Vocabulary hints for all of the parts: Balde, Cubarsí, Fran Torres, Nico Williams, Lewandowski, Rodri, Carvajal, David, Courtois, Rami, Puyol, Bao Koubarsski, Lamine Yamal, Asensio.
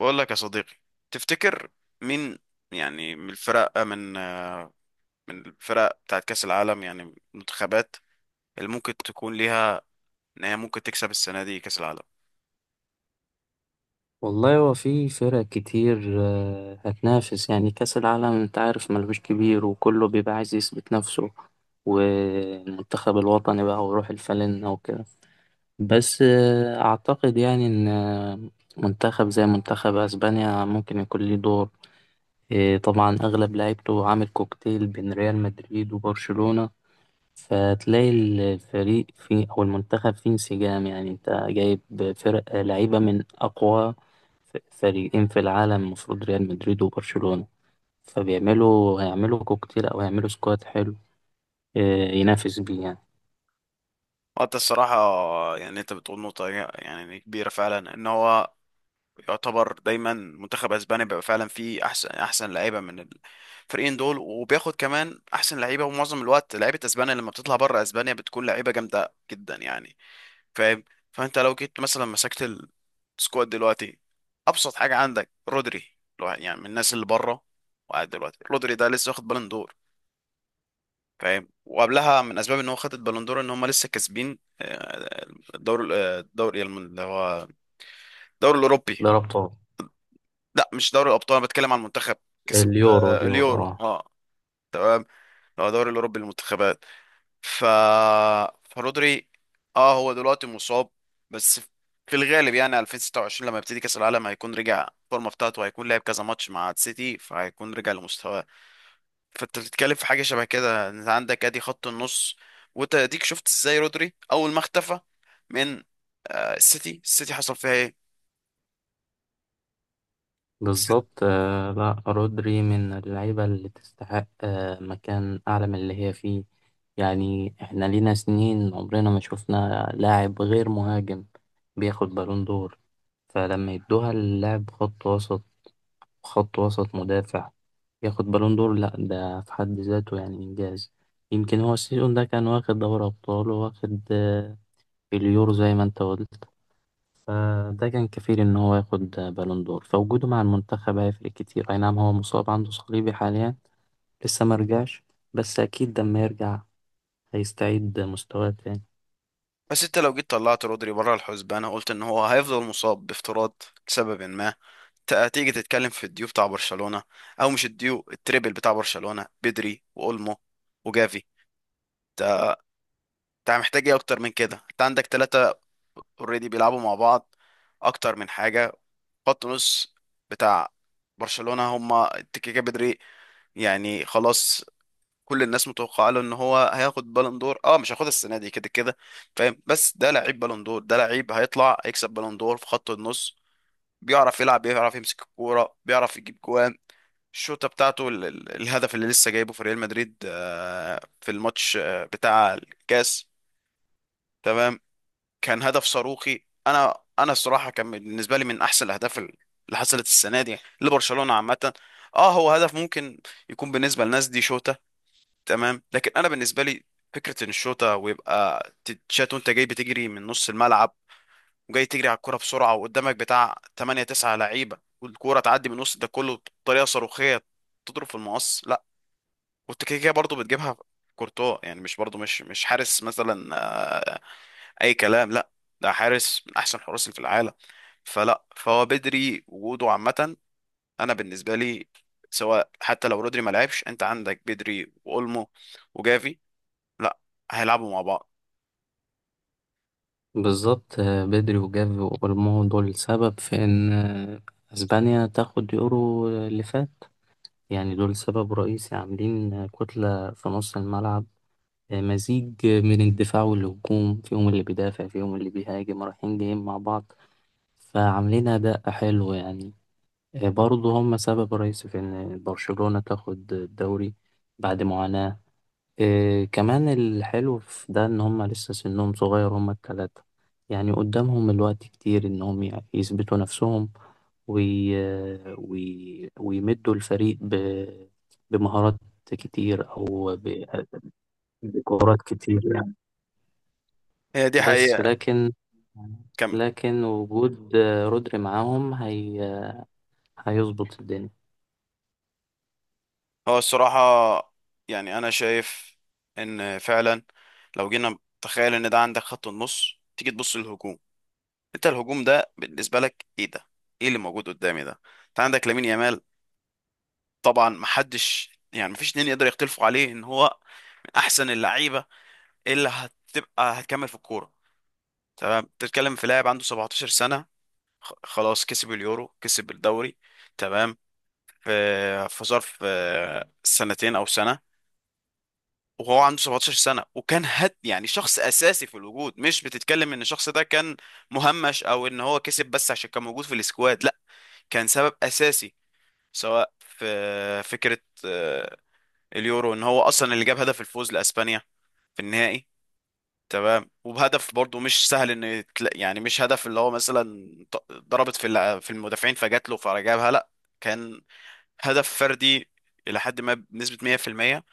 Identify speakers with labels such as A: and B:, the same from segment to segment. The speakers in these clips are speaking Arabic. A: بقول لك يا صديقي، تفتكر مين؟ يعني من الفرق من الفرق بتاعت كأس العالم، يعني المنتخبات اللي ممكن تكون ليها، ان هي ممكن تكسب السنة دي كأس العالم؟
B: والله هو في فرق كتير، هتنافس يعني كأس العالم. انت عارف ملوش كبير وكله بيبقى عايز يثبت نفسه، والمنتخب الوطني بقى ويروح الفلن وكده. بس أعتقد يعني إن منتخب زي منتخب أسبانيا ممكن يكون ليه دور. طبعا أغلب لعيبته عامل كوكتيل بين ريال مدريد وبرشلونة، فتلاقي الفريق فيه أو المنتخب فيه انسجام. يعني أنت جايب فرق لعيبة من أقوى فريقين في العالم، المفروض ريال مدريد وبرشلونة، فبيعملوا هيعملوا كوكتيل أو هيعملوا سكواد حلو آه، ينافس بيه يعني.
A: وانت الصراحة يعني انت بتقول نقطة يعني كبيرة فعلا ان هو يعتبر دايما منتخب اسبانيا بيبقى فعلا فيه احسن لعيبة من الفريقين دول، وبياخد كمان احسن لعيبة، ومعظم الوقت لعيبة اسبانيا لما بتطلع بره اسبانيا بتكون لعيبة جامدة جدا يعني. فاهم؟ فانت لو جيت مثلا مسكت السكواد دلوقتي، ابسط حاجه عندك رودري. يعني من الناس اللي بره وقاعد دلوقتي. رودري ده لسه واخد بالون دور. فاهم؟ وقبلها من اسباب ان هو خد البالون دور ان هم لسه كاسبين الدوري، الدوري اللي هو الدوري الاوروبي.
B: ده ربطه
A: لا، مش دوري الابطال، انا بتكلم عن المنتخب. كسب
B: اليورو. اليورو،
A: اليورو،
B: اه.
A: اه، اللي هو دوري الاوروبي للمنتخبات. ف فرودري، اه، هو دلوقتي مصاب بس. في الغالب يعني 2026 لما يبتدي كأس العالم هيكون رجع الفورمه بتاعته، هيكون لعب كذا ماتش مع السيتي فهيكون رجع لمستواه. فانت بتتكلم في حاجه شبه كده. انت عندك ادي خط النص، وانت اديك شفت ازاي رودري اول ما اختفى من السيتي. حصل فيها ايه؟ بس
B: بالظبط، لا، رودري من اللعيبة اللي تستحق مكان أعلى من اللي هي فيه. يعني احنا لينا سنين عمرنا ما شفنا لاعب غير مهاجم بياخد بالون دور، فلما يدوها اللاعب خط وسط، خط وسط مدافع، ياخد بالون دور، لا، ده في حد ذاته يعني إنجاز. يمكن هو السيزون ده كان واخد دوري أبطال وواخد اليورو زي ما أنت قلت. فده كان كفيل إن هو ياخد بالون دور، فوجوده مع المنتخب هيفرق كتير. أي نعم هو مصاب، عنده صليبي حاليا، لسه مرجعش، بس أكيد لما يرجع هيستعيد مستواه تاني.
A: بس انت لو جيت طلعت رودري بره الحسبان، أنا قلت ان هو هيفضل مصاب بافتراض لسبب ما. هتيجي تتكلم في الديو بتاع برشلونة، او مش الديو، التريبل بتاع برشلونة: بدري واولمو وجافي. انت محتاج ايه اكتر من كده؟ انت عندك ثلاثة اوريدي بيلعبوا مع بعض، اكتر من حاجة. خط نص بتاع برشلونة، هما التكيكا، بدري. يعني خلاص، كل الناس متوقعه له ان هو هياخد بالون دور. اه، مش هياخدها السنه دي، كده كده. فاهم؟ بس ده لعيب بالون دور، ده لعيب هيطلع هيكسب بالون دور في خط النص. بيعرف يلعب، بيعرف يمسك الكوره، بيعرف يجيب جوان. الشوطه بتاعته، الهدف اللي لسه جايبه في ريال مدريد في الماتش بتاع الكاس، تمام؟ كان هدف صاروخي. انا الصراحه كان بالنسبه لي من احسن الاهداف اللي حصلت السنه دي لبرشلونه عامه. اه، هو هدف ممكن يكون بالنسبه للناس دي شوطه، تمام، لكن انا بالنسبه لي فكره ان الشوطه ويبقى تتشات وانت جاي بتجري من نص الملعب، وجاي تجري على الكرة بسرعة وقدامك بتاع 8 9 لعيبة، والكورة تعدي من وسط ده كله بطريقة صاروخية تضرب في المقص، لا. كنت كده كده برضه بتجيبها كورتوا، يعني مش برضه مش حارس مثلا اي كلام، لا. ده حارس من احسن الحراس اللي في العالم. فلا، فهو بدري وجوده عامه، انا بالنسبه لي، سواء حتى لو رودري ما لعبش، انت عندك بدري واولمو وجافي، لا هيلعبوا مع بعض.
B: بالظبط. بدري وجافي واولمو دول سبب في ان اسبانيا تاخد يورو اللي فات. يعني دول سبب رئيسي، عاملين كتلة في نص الملعب، مزيج من الدفاع والهجوم، فيهم اللي بيدافع فيهم اللي بيهاجم، رايحين جايين مع بعض، فعاملين اداء حلو يعني. برضه هم سبب رئيسي في ان برشلونة تاخد الدوري بعد معاناة. إيه كمان الحلو في ده إن هما لسه سنهم صغير، هما التلاتة، يعني قدامهم الوقت كتير إنهم يثبتوا نفسهم وي... ويمدوا الفريق بمهارات كتير أو بكورات كتير يعني.
A: هي دي
B: بس
A: حقيقه. كمل.
B: لكن وجود رودري معاهم هيظبط الدنيا.
A: هو الصراحه يعني انا شايف ان فعلا لو جينا تخيل ان ده عندك خط النص، تيجي تبص للهجوم. انت الهجوم ده بالنسبه لك ايه ده؟ ايه اللي موجود قدامي ده؟ انت عندك لامين يامال. طبعا محدش، يعني مفيش اتنين يقدر يختلفوا عليه ان هو من احسن اللعيبه اللي هتبقى هتكمل في الكوره، تمام. بتتكلم في لاعب عنده 17 سنه، خلاص كسب اليورو، كسب الدوري، تمام. في في ظرف سنتين او سنه، وهو عنده 17 سنه وكان هد، يعني شخص اساسي في الوجود. مش بتتكلم ان الشخص ده كان مهمش او ان هو كسب بس عشان كان موجود في السكواد، لا. كان سبب اساسي، سواء في فكرة آه، اليورو، ان هو اصلا اللي جاب هدف الفوز لاسبانيا في النهائي، تمام. وبهدف برضه مش سهل، ان يعني مش هدف اللي هو مثلا ضربت في في المدافعين فجات له فجابها، لا. كان هدف فردي الى حد ما بنسبة 100%.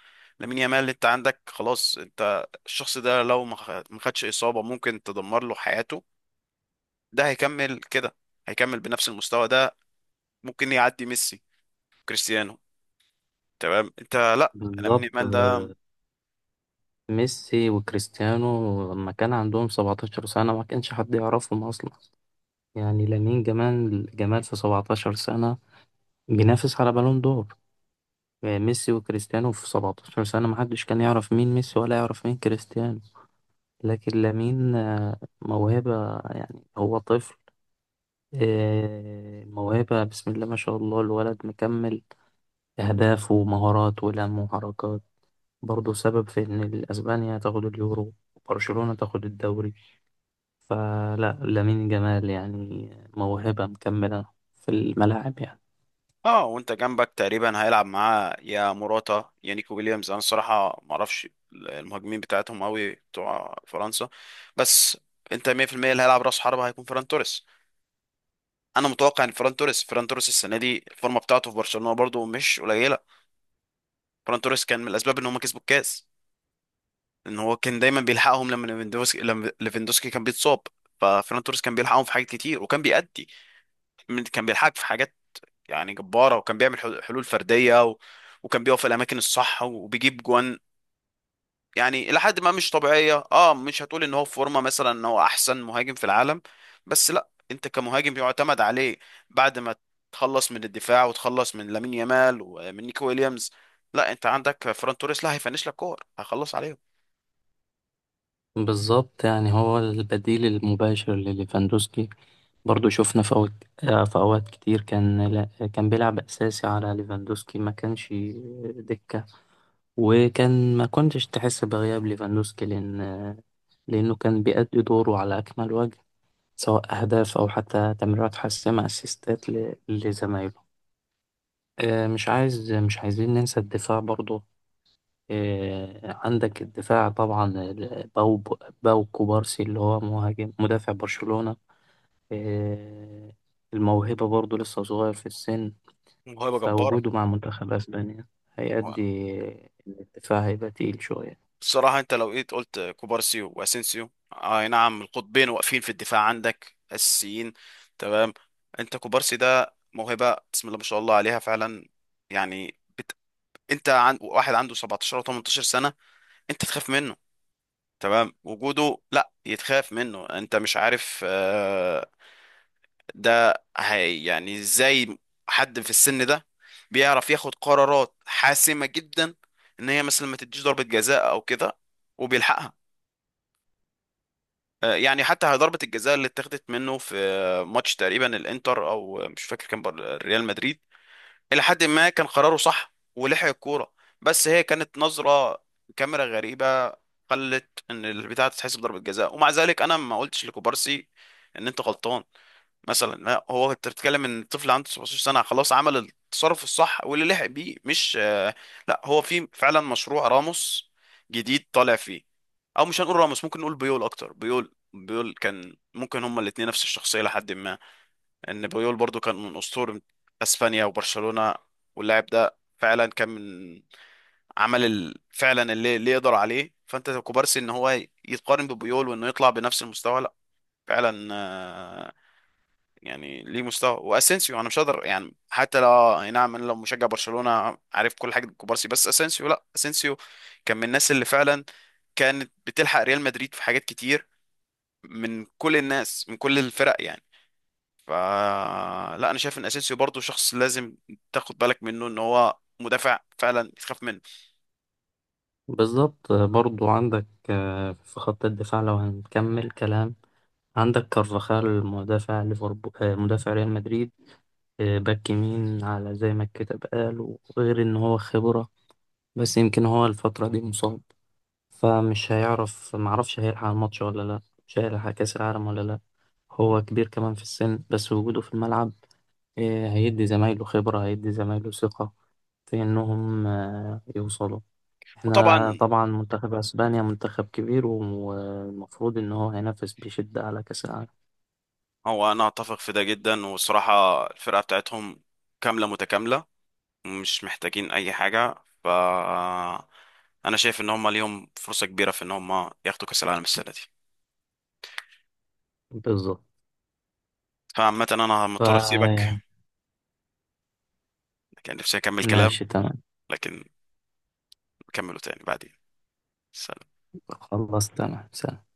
A: لامين يامال انت عندك خلاص، انت الشخص ده لو ما خدش اصابة ممكن تدمر له حياته. ده هيكمل كده، هيكمل بنفس المستوى ده، ممكن يعدي ميسي، كريستيانو، تمام. انت، لا، انا من
B: بالظبط،
A: ايمال ده.
B: ميسي وكريستيانو لما كان عندهم 17 سنة ما كانش حد يعرفهم أصلا. يعني لامين جمال، في 17 سنة بينافس على بالون دور. ميسي وكريستيانو في 17 سنة محدش كان يعرف مين ميسي ولا يعرف مين كريستيانو. لكن لامين موهبة، يعني هو طفل. موهبة، بسم الله ما شاء الله، الولد مكمل أهداف ومهارات ولم وحركات، برضه سبب في إن أسبانيا تاخد اليورو وبرشلونة تاخد الدوري. فلا، لامين جمال يعني موهبة مكملة في الملاعب يعني.
A: اه، وانت جنبك تقريبا هيلعب معاه يا موراتا يا نيكو ويليامز. انا الصراحه ما اعرفش المهاجمين بتاعتهم قوي بتوع فرنسا، بس انت 100% اللي هيلعب راس حربة هيكون فران توريس. انا متوقع ان فران توريس السنه دي الفورمه بتاعته في برشلونه برضو مش قليله. فران توريس كان من الاسباب ان هم كسبوا الكاس، ان هو كان دايما بيلحقهم لما ليفاندوسكي كان بيتصاب، ففران توريس كان بيلحقهم في حاجات كتير وكان بيأدي، كان بيلحقك في حاجات يعني جبارة، وكان بيعمل حلول فردية وكان بيقف في الأماكن الصح وبيجيب جوان، يعني إلى حد ما مش طبيعية. اه، مش هتقول إن هو في فورمة مثلا، إن هو أحسن مهاجم في العالم، بس لا، أنت كمهاجم يعتمد عليه بعد ما تخلص من الدفاع وتخلص من لامين يامال ومن نيكو ويليامز، لا، أنت عندك فران توريس، لا هيفنش لك كور هيخلص عليهم.
B: بالظبط، يعني هو البديل المباشر لليفاندوسكي. برضو شفنا في أوقات كتير كان، لا، كان بيلعب أساسي على ليفاندوسكي، ما كانش دكة. وكان ما كنتش تحس بغياب ليفاندوسكي لأنه كان بيأدي دوره على أكمل وجه، سواء أهداف أو حتى تمريرات حاسمة أسيستات لزمايله. مش عايزين ننسى الدفاع برضو. عندك الدفاع طبعا، باو، كوبارسي، اللي هو مهاجم مدافع برشلونة. آه، الموهبة برضه لسه صغير في السن،
A: موهبة جبارة.
B: فوجوده مع منتخب أسبانيا هيأدي إن الدفاع هيبقى تقيل شوية.
A: بصراحة انت لو جيت قلت كوبارسيو واسينسيو، اي نعم، القطبين واقفين في الدفاع عندك اساسيين، تمام. انت كوبارسي ده موهبة بسم الله ما شاء الله عليها فعلا. يعني انت واحد عنده 17 او 18 سنة، انت تخاف منه، تمام. وجوده لا يتخاف منه. انت مش عارف ده هي يعني ازاي حد في السن ده بيعرف ياخد قرارات حاسمة جدا، ان هي مثلا ما تديش ضربة جزاء او كده وبيلحقها. يعني حتى ضربة الجزاء اللي اتاخدت منه في ماتش تقريبا الانتر، او مش فاكر، كان ريال مدريد، الى حد ما كان قراره صح ولحق الكورة، بس هي كانت نظرة كاميرا غريبة خلت ان البتاعة تتحسب ضربة جزاء، ومع ذلك انا ما قلتش لكوبارسي ان انت غلطان مثلا، لا. هو انت بتتكلم ان الطفل عنده 17 سنه، خلاص عمل التصرف الصح واللي لحق بيه مش لا، هو في فعلا مشروع راموس جديد طالع فيه. او مش هنقول راموس، ممكن نقول بيول اكتر. بيول كان ممكن، هما الاتنين نفس الشخصيه لحد ما، ان بيول برضو كان من اسطوره اسبانيا وبرشلونه. واللاعب ده فعلا كان من، عمل فعلا اللي يقدر عليه. فانت كوبارسي ان هو يتقارن ببيول وانه يطلع بنفس المستوى، لا فعلا، يعني ليه مستوى. واسينسيو انا مش هقدر، يعني حتى لو اي نعم، انا لو مشجع برشلونة عارف كل حاجة كوبارسي، بس اسينسيو، لا، اسينسيو كان من الناس اللي فعلا كانت بتلحق ريال مدريد في حاجات كتير، من كل الناس من كل الفرق يعني. ف لا، انا شايف ان اسينسيو برضو شخص لازم تاخد بالك منه، ان هو مدافع فعلا تخاف منه.
B: بالظبط، برضه عندك في خط الدفاع، لو هنكمل كلام، عندك كارفاخال، مدافع ليفربول، مدافع ريال مدريد، باك يمين على زي ما الكتاب قال، وغير إن هو خبرة. بس يمكن هو الفترة دي مصاب، فمش معرفش هيلحق الماتش ولا لا، مش هيلحق كأس العالم ولا لا. هو كبير كمان في السن، بس وجوده في الملعب هيدي زمايله خبرة، هيدي زمايله ثقة في إنهم يوصلوا. احنا
A: وطبعا،
B: طبعا منتخب أسبانيا منتخب كبير، والمفروض إن هو هينافس بشدة على كأس العالم.
A: هو انا اتفق في ده جدا، والصراحة الفرقة بتاعتهم كاملة متكاملة، مش محتاجين اي حاجه، ف انا شايف ان هم ليهم فرصه كبيره في ان هم ياخدوا كاس العالم السنه دي.
B: بالظبط،
A: فعامه انا مضطر اسيبك،
B: فيعني،
A: كان نفسي اكمل كلام،
B: ماشي تمام،
A: لكن نكمله تاني بعدين.
B: خلاص تمام سلام.